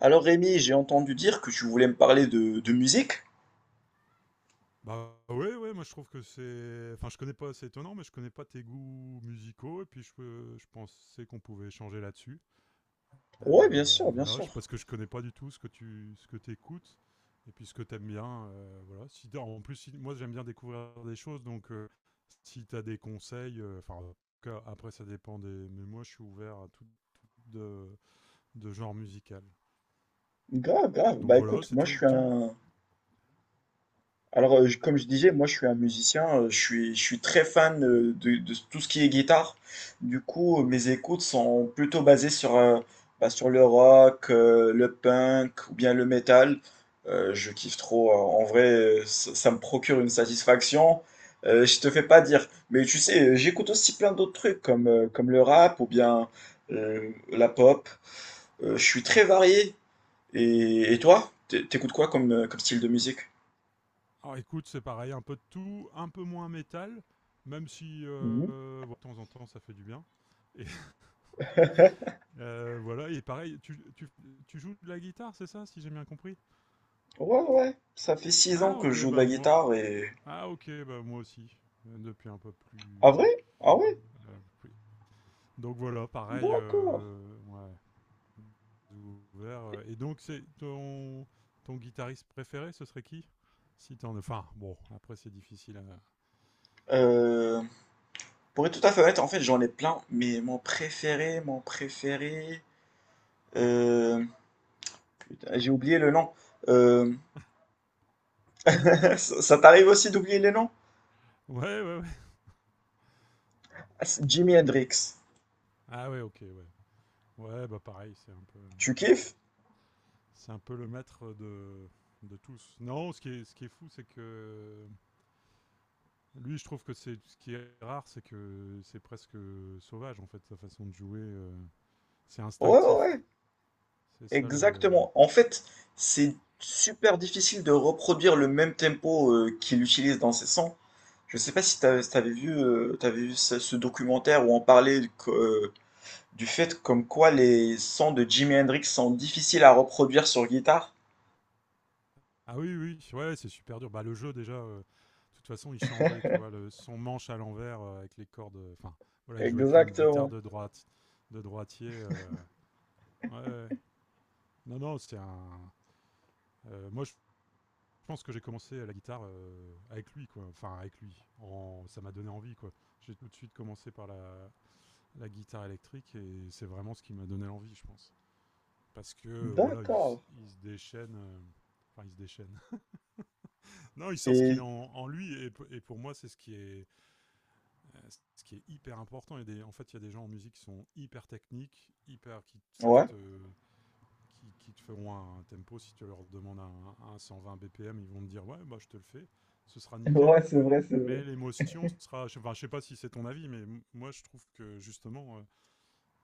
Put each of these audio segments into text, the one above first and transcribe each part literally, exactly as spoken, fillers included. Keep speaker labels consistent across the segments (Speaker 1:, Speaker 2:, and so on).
Speaker 1: Alors Rémi, j'ai entendu dire que tu voulais me parler de, de musique.
Speaker 2: Bah ouais, ouais, moi je trouve que c'est... Enfin, je connais pas, c'est étonnant, mais je connais pas tes goûts musicaux, et puis je, peux- je pensais qu'on pouvait échanger là-dessus.
Speaker 1: Ouais, bien
Speaker 2: Euh,
Speaker 1: sûr, bien
Speaker 2: voilà,
Speaker 1: sûr.
Speaker 2: je, parce que je connais pas du tout ce que tu ce que t'écoutes, et puis ce que t'aimes bien, euh, voilà. Si, t'as- en plus, si- moi j'aime bien découvrir des choses, donc euh, si t'as des conseils, euh, enfin, en tout cas, après ça dépend des... Mais moi je suis ouvert à tout, tout de, de genre musical.
Speaker 1: Grave, grave.
Speaker 2: Donc
Speaker 1: Bah
Speaker 2: voilà,
Speaker 1: écoute, moi je
Speaker 2: c'était...
Speaker 1: suis
Speaker 2: Tu,
Speaker 1: un. Alors, euh, je- comme je disais, moi je suis un musicien, euh, je suis, je suis très fan euh, de, de tout ce qui est guitare. Du coup, euh, mes écoutes sont plutôt basées sur, euh, bah, sur le rock, euh, le punk ou bien le metal. Euh, je kiffe trop. euh, En vrai, euh, ça, ça me procure une satisfaction. Euh, je te fais pas dire. Mais tu sais, euh, j'écoute aussi plein d'autres trucs comme, euh, comme le rap ou bien euh, la pop. Euh, je suis très varié. Et, et toi, t'é- t'écoutes quoi comme, euh, comme style de musique?
Speaker 2: Alors écoute, c'est pareil, un peu de tout, un peu moins métal, même si euh, de temps en temps ça fait du bien. Et euh, voilà, et pareil, tu, tu, tu joues de la guitare, c'est ça, si j'ai bien compris?
Speaker 1: Ouais, ouais, ça fait six ans
Speaker 2: Ah
Speaker 1: que je
Speaker 2: ok,
Speaker 1: joue de
Speaker 2: bah
Speaker 1: la
Speaker 2: moi,
Speaker 1: guitare et...
Speaker 2: ah ok, bah moi aussi, euh, depuis un peu
Speaker 1: Ah
Speaker 2: plus.
Speaker 1: vrai? Ah ouais?
Speaker 2: euh, plus- Donc voilà, pareil,
Speaker 1: D'accord.
Speaker 2: euh, ouais, ouvert. euh, Et donc c'est ton ton guitariste préféré, ce serait qui? Si t'en, enfin bon, après c'est difficile à.
Speaker 1: Euh, pour être tout à fait honnête, en fait j'en ai plein, mais mon préféré, mon préféré... euh, Putain, j'ai oublié le nom. Euh, ça ça t'arrive aussi d'oublier les noms?
Speaker 2: Ouais, ouais, ouais.
Speaker 1: Ah, c'est Jimi
Speaker 2: Donc-
Speaker 1: Hendrix.
Speaker 2: ah ouais, ok, ouais. Ouais, bah pareil, c'est un peu,
Speaker 1: Tu kiffes?
Speaker 2: c'est un peu le maître de, de tous. Non, ce qui est, ce qui est fou, c'est que lui, je trouve que c'est ce qui est rare, c'est que c'est presque sauvage en fait sa façon de jouer. Euh, c'est
Speaker 1: Ouais, ouais,
Speaker 2: instinctif.
Speaker 1: ouais.
Speaker 2: C'est ça le.
Speaker 1: Exactement. En fait, c'est super difficile de reproduire le même tempo euh, qu'il utilise dans ses sons. Je sais pas si t'as- si t'avais vu, euh, t'avais vu ce, ce documentaire où on parlait de co- euh, du fait comme quoi les sons de Jimi Hendrix sont difficiles à reproduire sur guitare.
Speaker 2: Ah oui, oui, ouais, c'est super dur. Bah le jeu déjà, euh, de toute façon, il changeait, tu vois, le, son manche à l'envers euh, avec les cordes. euh, Enfin, voilà, il jouait avec une guitare
Speaker 1: Exactement.
Speaker 2: de droite, de droitier. Euh, ouais, ouais. non, non, c'est un. Euh, moi, je, Je pense que j'ai commencé à la guitare euh, avec lui, quoi. Enfin, avec lui. En... Ça m'a donné envie, quoi. J'ai tout de suite commencé par la, la guitare électrique et c'est vraiment ce qui m'a donné envie, je pense. Parce que, euh, voilà, il,
Speaker 1: D'accord.
Speaker 2: il se déchaîne. euh, Enfin, il se déchaîne. non, il sort ce qu'il
Speaker 1: Et
Speaker 2: a en, en lui et, et pour moi, c'est ce qui est, euh, ce qui est hyper important. Il des- en fait, il y a des gens en musique qui sont hyper techniques, hyper, qui savent
Speaker 1: ouais.
Speaker 2: te, qui, qui te feront un tempo. Si tu leur demandes un, un cent vingt B P M, ils vont te dire ouais, bah, je te le fais, ce sera
Speaker 1: Ouais,
Speaker 2: nickel.
Speaker 1: c'est vrai, c'est
Speaker 2: Mais
Speaker 1: vrai.
Speaker 2: l'émotion sera, enfin, je sais pas si c'est ton avis, mais moi je trouve que justement, euh,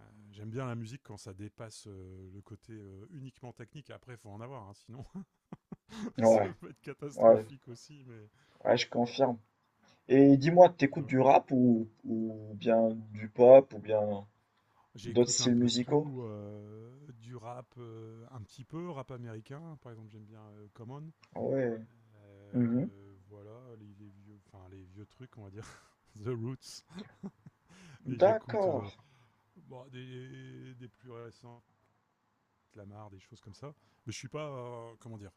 Speaker 2: euh, j'aime bien la musique quand ça dépasse euh, le côté euh, uniquement technique. Après, il faut en avoir, hein, sinon ça
Speaker 1: Ouais,
Speaker 2: peut être
Speaker 1: ouais,
Speaker 2: catastrophique aussi. Mais
Speaker 1: ouais, je confirme. Et dis-moi, t'écoutes
Speaker 2: donc,
Speaker 1: du rap ou, ou bien du pop ou bien d'autres
Speaker 2: j'écoute un
Speaker 1: styles
Speaker 2: peu de
Speaker 1: musicaux?
Speaker 2: tout, euh, du rap, euh, un petit peu rap américain. Par exemple, j'aime bien euh, Common.
Speaker 1: Ouais. Mhm.
Speaker 2: Euh, voilà, les, les vieux, enfin les vieux trucs, on va dire, The Roots. Et j'écoute
Speaker 1: D'accord.
Speaker 2: euh, bon, des, des plus récents, Lamar, des choses comme ça. Mais je suis pas, euh, comment dire,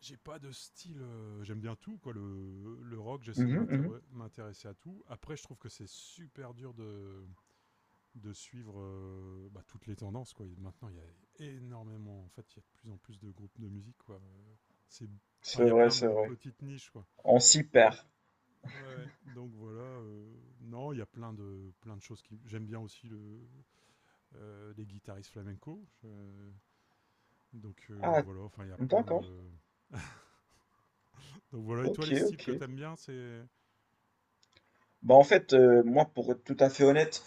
Speaker 2: j'ai pas de style. euh, J'aime bien tout, quoi. Le, le rock, j'essaie de
Speaker 1: Mhm, mhm.
Speaker 2: m'intér- m'intéresser à tout. Après, je trouve que c'est super dur de de suivre euh, bah, toutes les tendances, quoi. Et maintenant, il y a énormément, en fait, il y a de plus en plus de groupes de musique, quoi. Euh, C'est, enfin,
Speaker 1: C'est
Speaker 2: il y a
Speaker 1: vrai,
Speaker 2: plein
Speaker 1: c'est
Speaker 2: de
Speaker 1: vrai.
Speaker 2: petites niches, quoi.
Speaker 1: On s'y perd.
Speaker 2: Ouais, ouais. Donc voilà. euh, non, il y a plein de, plein de choses qui. J'aime bien aussi le, euh, les guitaristes flamenco. je- donc euh,
Speaker 1: Ah,
Speaker 2: voilà, enfin, il y a plein
Speaker 1: d'accord.
Speaker 2: de. Donc voilà, et
Speaker 1: Ok,
Speaker 2: toi, les styles
Speaker 1: ok.
Speaker 2: que t'aimes bien, c'est.
Speaker 1: Bah en fait, euh, moi pour être tout à fait honnête,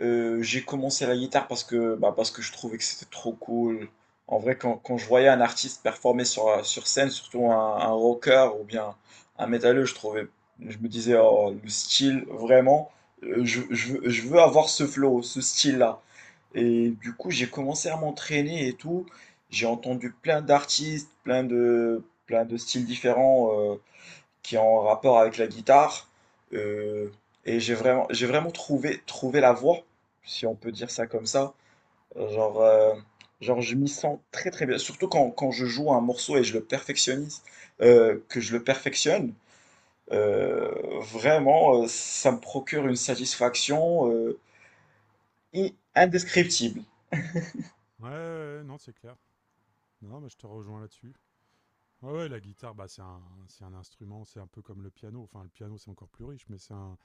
Speaker 1: euh, j'ai commencé la guitare parce que, bah, parce que je trouvais que c'était trop cool. En vrai, quand, quand je voyais un artiste performer sur, sur scène, surtout un, un rocker ou bien un métalleux, je trouvais, je me disais, oh, le style, vraiment, euh, je, je veux, je veux avoir ce flow, ce style-là. Et du coup, j'ai commencé à m'entraîner et tout. J'ai entendu plein d'artistes, plein de, plein de styles différents, euh, qui est en rapport avec la guitare. euh, et j'ai vraiment, j'ai vraiment trouvé, trouvé la voie, si on peut dire ça comme ça. Genre, euh, genre je m'y sens très très bien. Surtout quand, quand je joue un morceau et je le perfectionnise, euh, que je le perfectionne, euh, vraiment, euh, ça me procure une satisfaction euh, i- indescriptible.
Speaker 2: Ouais, ouais, ouais, non, c'est clair. Non, mais je te rejoins là-dessus. Ouais, ouais, la guitare, bah, c'est un, c'est un instrument, c'est un peu comme le piano. Enfin, le piano, c'est encore plus riche, mais c'est un,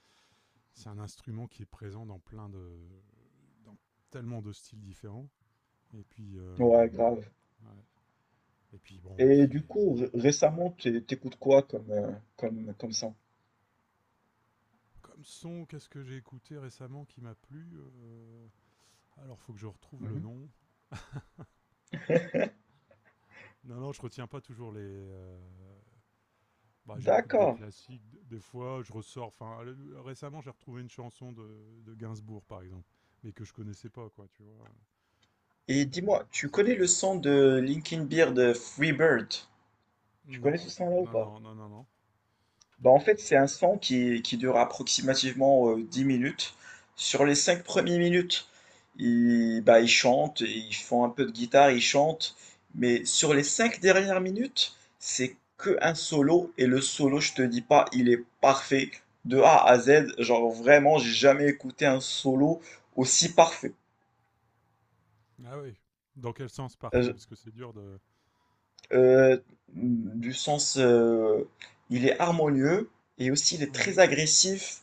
Speaker 2: C'est un instrument qui est présent dans plein de. Dans tellement de styles différents. Et puis. Euh,
Speaker 1: Ouais, grave.
Speaker 2: ouais. Et puis bon,
Speaker 1: Et
Speaker 2: qui
Speaker 1: du
Speaker 2: est
Speaker 1: coup, ré- récemment, t'é- t'écoutes quoi comme, euh, comme, comme son?
Speaker 2: comme son, qu'est-ce que j'ai écouté récemment qui m'a plu? Euh, Alors, faut que je retrouve le
Speaker 1: Mhm.
Speaker 2: nom. Non, non, je retiens pas toujours les. Euh, Bah, j'écoute des
Speaker 1: D'accord.
Speaker 2: classiques. d- Des fois, je ressors. Enfin, le- récemment, j'ai retrouvé une chanson de, de Gainsbourg, par exemple, mais que je connaissais pas, quoi, tu vois. Euh,
Speaker 1: Et dis-moi, tu
Speaker 2: ça-
Speaker 1: connais le son de Linkin Beer de Freebird? Tu connais ce
Speaker 2: non,
Speaker 1: son-là ou
Speaker 2: non,
Speaker 1: pas?
Speaker 2: non, non, non, non.
Speaker 1: Bah en fait, c'est un son qui, qui dure approximativement euh, dix minutes. Sur les cinq premières minutes, ils, bah, ils chantent, ils font un peu de guitare, ils chantent. Mais sur les cinq dernières minutes, c'est que un solo. Et le solo, je te dis pas, il est parfait. De A à Z, genre vraiment, j'ai jamais écouté un solo aussi parfait.
Speaker 2: Ah oui. Dans quel sens parfait?
Speaker 1: Euh,
Speaker 2: Parce que c'est dur de.
Speaker 1: euh, du sens, euh, il est harmonieux et aussi il est très
Speaker 2: Mhm.
Speaker 1: agressif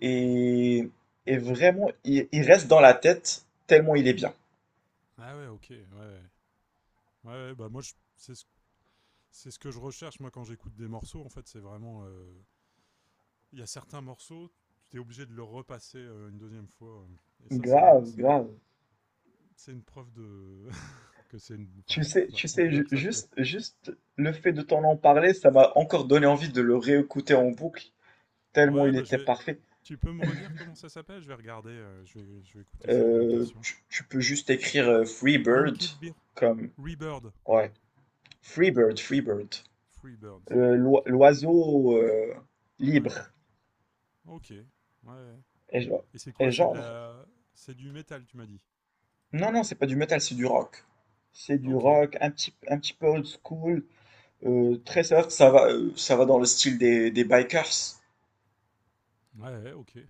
Speaker 1: et, et vraiment, il, il reste dans la tête tellement il est bien.
Speaker 2: Ah ouais, ok. Ouais, ouais. Ouais, ouais, bah moi, je- c'est ce, c'est ce que je recherche, moi, quand j'écoute des morceaux. En fait, c'est vraiment. Euh, il y a certains morceaux, tu t'es obligé de le repasser euh, une deuxième fois. Euh. Et ça, c'est une,
Speaker 1: Grave,
Speaker 2: c'est une-
Speaker 1: grave.
Speaker 2: c'est une preuve de que c'est une,
Speaker 1: Tu
Speaker 2: enfin,
Speaker 1: sais,
Speaker 2: voilà,
Speaker 1: tu
Speaker 2: en
Speaker 1: sais,
Speaker 2: tout cas
Speaker 1: ju-
Speaker 2: que ça te plaît.
Speaker 1: juste, juste le fait de t'en en parler, ça m'a encore donné envie de le réécouter en boucle, tellement
Speaker 2: Ouais,
Speaker 1: il
Speaker 2: bah je
Speaker 1: était
Speaker 2: vais.
Speaker 1: parfait.
Speaker 2: Tu peux me redire comment ça s'appelle? Je vais regarder. Euh, je vais, je vais écouter ça avec
Speaker 1: Euh,
Speaker 2: attention.
Speaker 1: tu, tu peux juste écrire euh, Free Bird
Speaker 2: Linked Beer,
Speaker 1: comme...
Speaker 2: Rebird,
Speaker 1: Ouais. Freebird, Freebird.
Speaker 2: Freebirds.
Speaker 1: Le- l'oi-
Speaker 2: Ok.
Speaker 1: L'oiseau euh,
Speaker 2: Ouais.
Speaker 1: libre.
Speaker 2: Ok. Ouais.
Speaker 1: Et, je-
Speaker 2: Et c'est quoi?
Speaker 1: et
Speaker 2: C'est de
Speaker 1: genre,
Speaker 2: la, c'est du métal, tu m'as dit.
Speaker 1: non, non, c'est pas du metal, c'est du rock. C'est du
Speaker 2: Ok. Ouais,
Speaker 1: rock, un petit, un petit peu old school, euh, très soft, ça va, euh, ça va dans le style des, des bikers.
Speaker 2: ouais, ok. Ouais,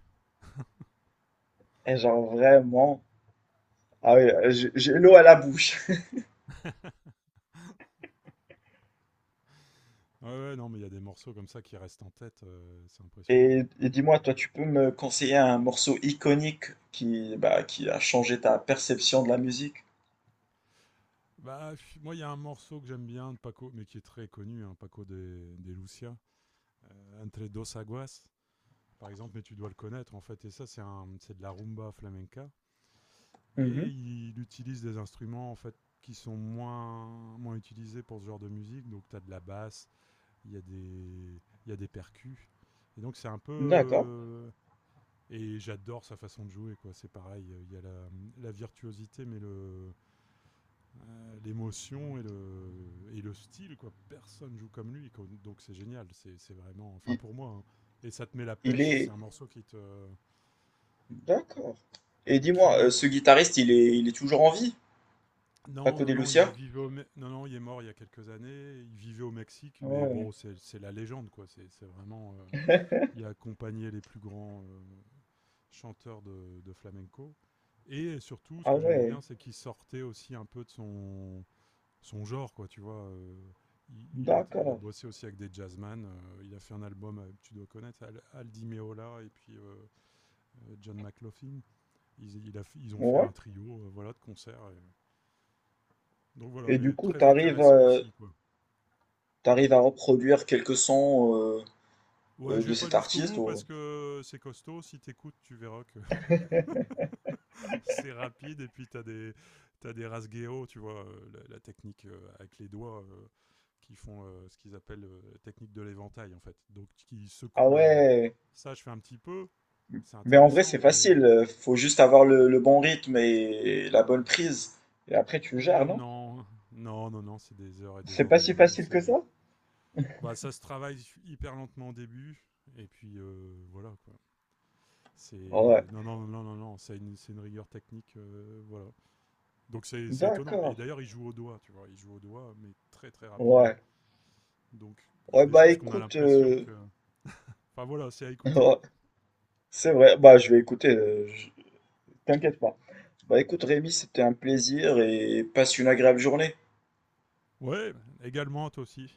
Speaker 1: Et genre, vraiment, ah ouais, j'ai j'ai l'eau à la bouche.
Speaker 2: ouais, non, mais il y a des morceaux comme ça qui restent en tête. Euh, c'est impressionnant.
Speaker 1: Et, et dis-moi, toi, tu peux me conseiller un morceau iconique qui, bah, qui a changé ta perception de la musique?
Speaker 2: Bah, pff, moi, il y a un morceau que j'aime bien de Paco, mais qui est très connu, hein, Paco des, des Lucia, euh, Entre dos aguas, par exemple, mais tu dois le connaître, en fait, et ça, c'est un- c'est de la rumba flamenca.
Speaker 1: Mhm.
Speaker 2: Et il utilise des instruments, en fait, qui sont moins, moins utilisés pour ce genre de musique. Donc, tu as de la basse, il y a des, il y a des percus. Et donc, c'est un peu...
Speaker 1: D'accord.
Speaker 2: euh, et j'adore sa façon de jouer, quoi. C'est pareil, il y a la, la virtuosité, mais le, Euh, l'émotion et le, et le style, quoi. Personne joue comme lui, quoi. Donc c'est génial. C'est c'est vraiment, enfin
Speaker 1: Il,
Speaker 2: pour moi, hein. Et ça te met la
Speaker 1: il
Speaker 2: pêche. C'est
Speaker 1: est.
Speaker 2: un morceau qui te,
Speaker 1: D'accord. Et dis-moi, euh,
Speaker 2: qui,
Speaker 1: ce guitariste, il est, il est toujours en vie?
Speaker 2: non,
Speaker 1: Paco
Speaker 2: non,
Speaker 1: de
Speaker 2: non, il
Speaker 1: Lucia?
Speaker 2: vivait au, Me- non, non, il est mort il y a quelques années. Il vivait au Mexique, mais
Speaker 1: Ouais.
Speaker 2: bon, c'est c'est la légende, quoi. C'est c'est vraiment, euh, il a accompagné les plus grands euh, chanteurs de, de flamenco. Et surtout, ce
Speaker 1: Ah
Speaker 2: que j'aimais
Speaker 1: ouais.
Speaker 2: bien, c'est qu'il sortait aussi un peu de son, son genre, quoi, tu vois. Euh, il, il a, il a
Speaker 1: D'accord.
Speaker 2: bossé aussi avec des jazzman. Euh, il a fait un album, euh, tu dois connaître, Al- Aldi Meola et puis euh, euh, John McLaughlin. Ils, il a ils ont fait un
Speaker 1: Ouais.
Speaker 2: trio, euh, voilà, de concerts. Et- donc voilà,
Speaker 1: Et du
Speaker 2: mais
Speaker 1: coup,
Speaker 2: très
Speaker 1: t'arrives,
Speaker 2: intéressant
Speaker 1: euh,
Speaker 2: aussi, quoi.
Speaker 1: t'arrives à reproduire quelques sons euh,
Speaker 2: Ouais,
Speaker 1: euh,
Speaker 2: je
Speaker 1: de
Speaker 2: vais pas
Speaker 1: cet
Speaker 2: jusqu'au
Speaker 1: artiste
Speaker 2: bout parce
Speaker 1: ou-
Speaker 2: que c'est costaud. Si t'écoutes, tu verras que c'est rapide et puis t'as des t'as des rasgueo, tu vois, euh, la, la technique euh, avec les doigts euh, qui font euh, ce qu'ils appellent euh, la technique de l'éventail en fait. Donc qui
Speaker 1: Ah
Speaker 2: secouent la
Speaker 1: ouais.
Speaker 2: ça je fais un petit peu, c'est
Speaker 1: Mais en vrai,
Speaker 2: intéressant
Speaker 1: c'est
Speaker 2: mais
Speaker 1: facile. euh, Faut juste avoir le, le bon rythme et la bonne prise. Et après, tu gères,
Speaker 2: mm,
Speaker 1: non?
Speaker 2: non, non non non, c'est des heures et des
Speaker 1: C'est
Speaker 2: heures
Speaker 1: pas
Speaker 2: de
Speaker 1: si
Speaker 2: boulot,
Speaker 1: facile que
Speaker 2: c'est
Speaker 1: ça?
Speaker 2: bah ça se travaille hyper lentement au début et puis euh, voilà quoi.
Speaker 1: Ouais.
Speaker 2: C'est non non non non non, c'est une c'est une rigueur technique euh, voilà, donc c'est c'est étonnant. Et
Speaker 1: D'accord.
Speaker 2: d'ailleurs, il joue au doigt, tu vois. Il joue au doigt, mais très très rapidement.
Speaker 1: Ouais.
Speaker 2: Donc
Speaker 1: Ouais,
Speaker 2: des
Speaker 1: bah
Speaker 2: choses qu'on a
Speaker 1: écoute.
Speaker 2: l'impression
Speaker 1: euh,
Speaker 2: que. Enfin voilà, c'est à écouter.
Speaker 1: ouais, c'est vrai. Bah, je vais écouter. euh, je- T'inquiète pas. Bah écoute Rémi, c'était un plaisir et passe une agréable journée.
Speaker 2: Ouais, également, toi aussi.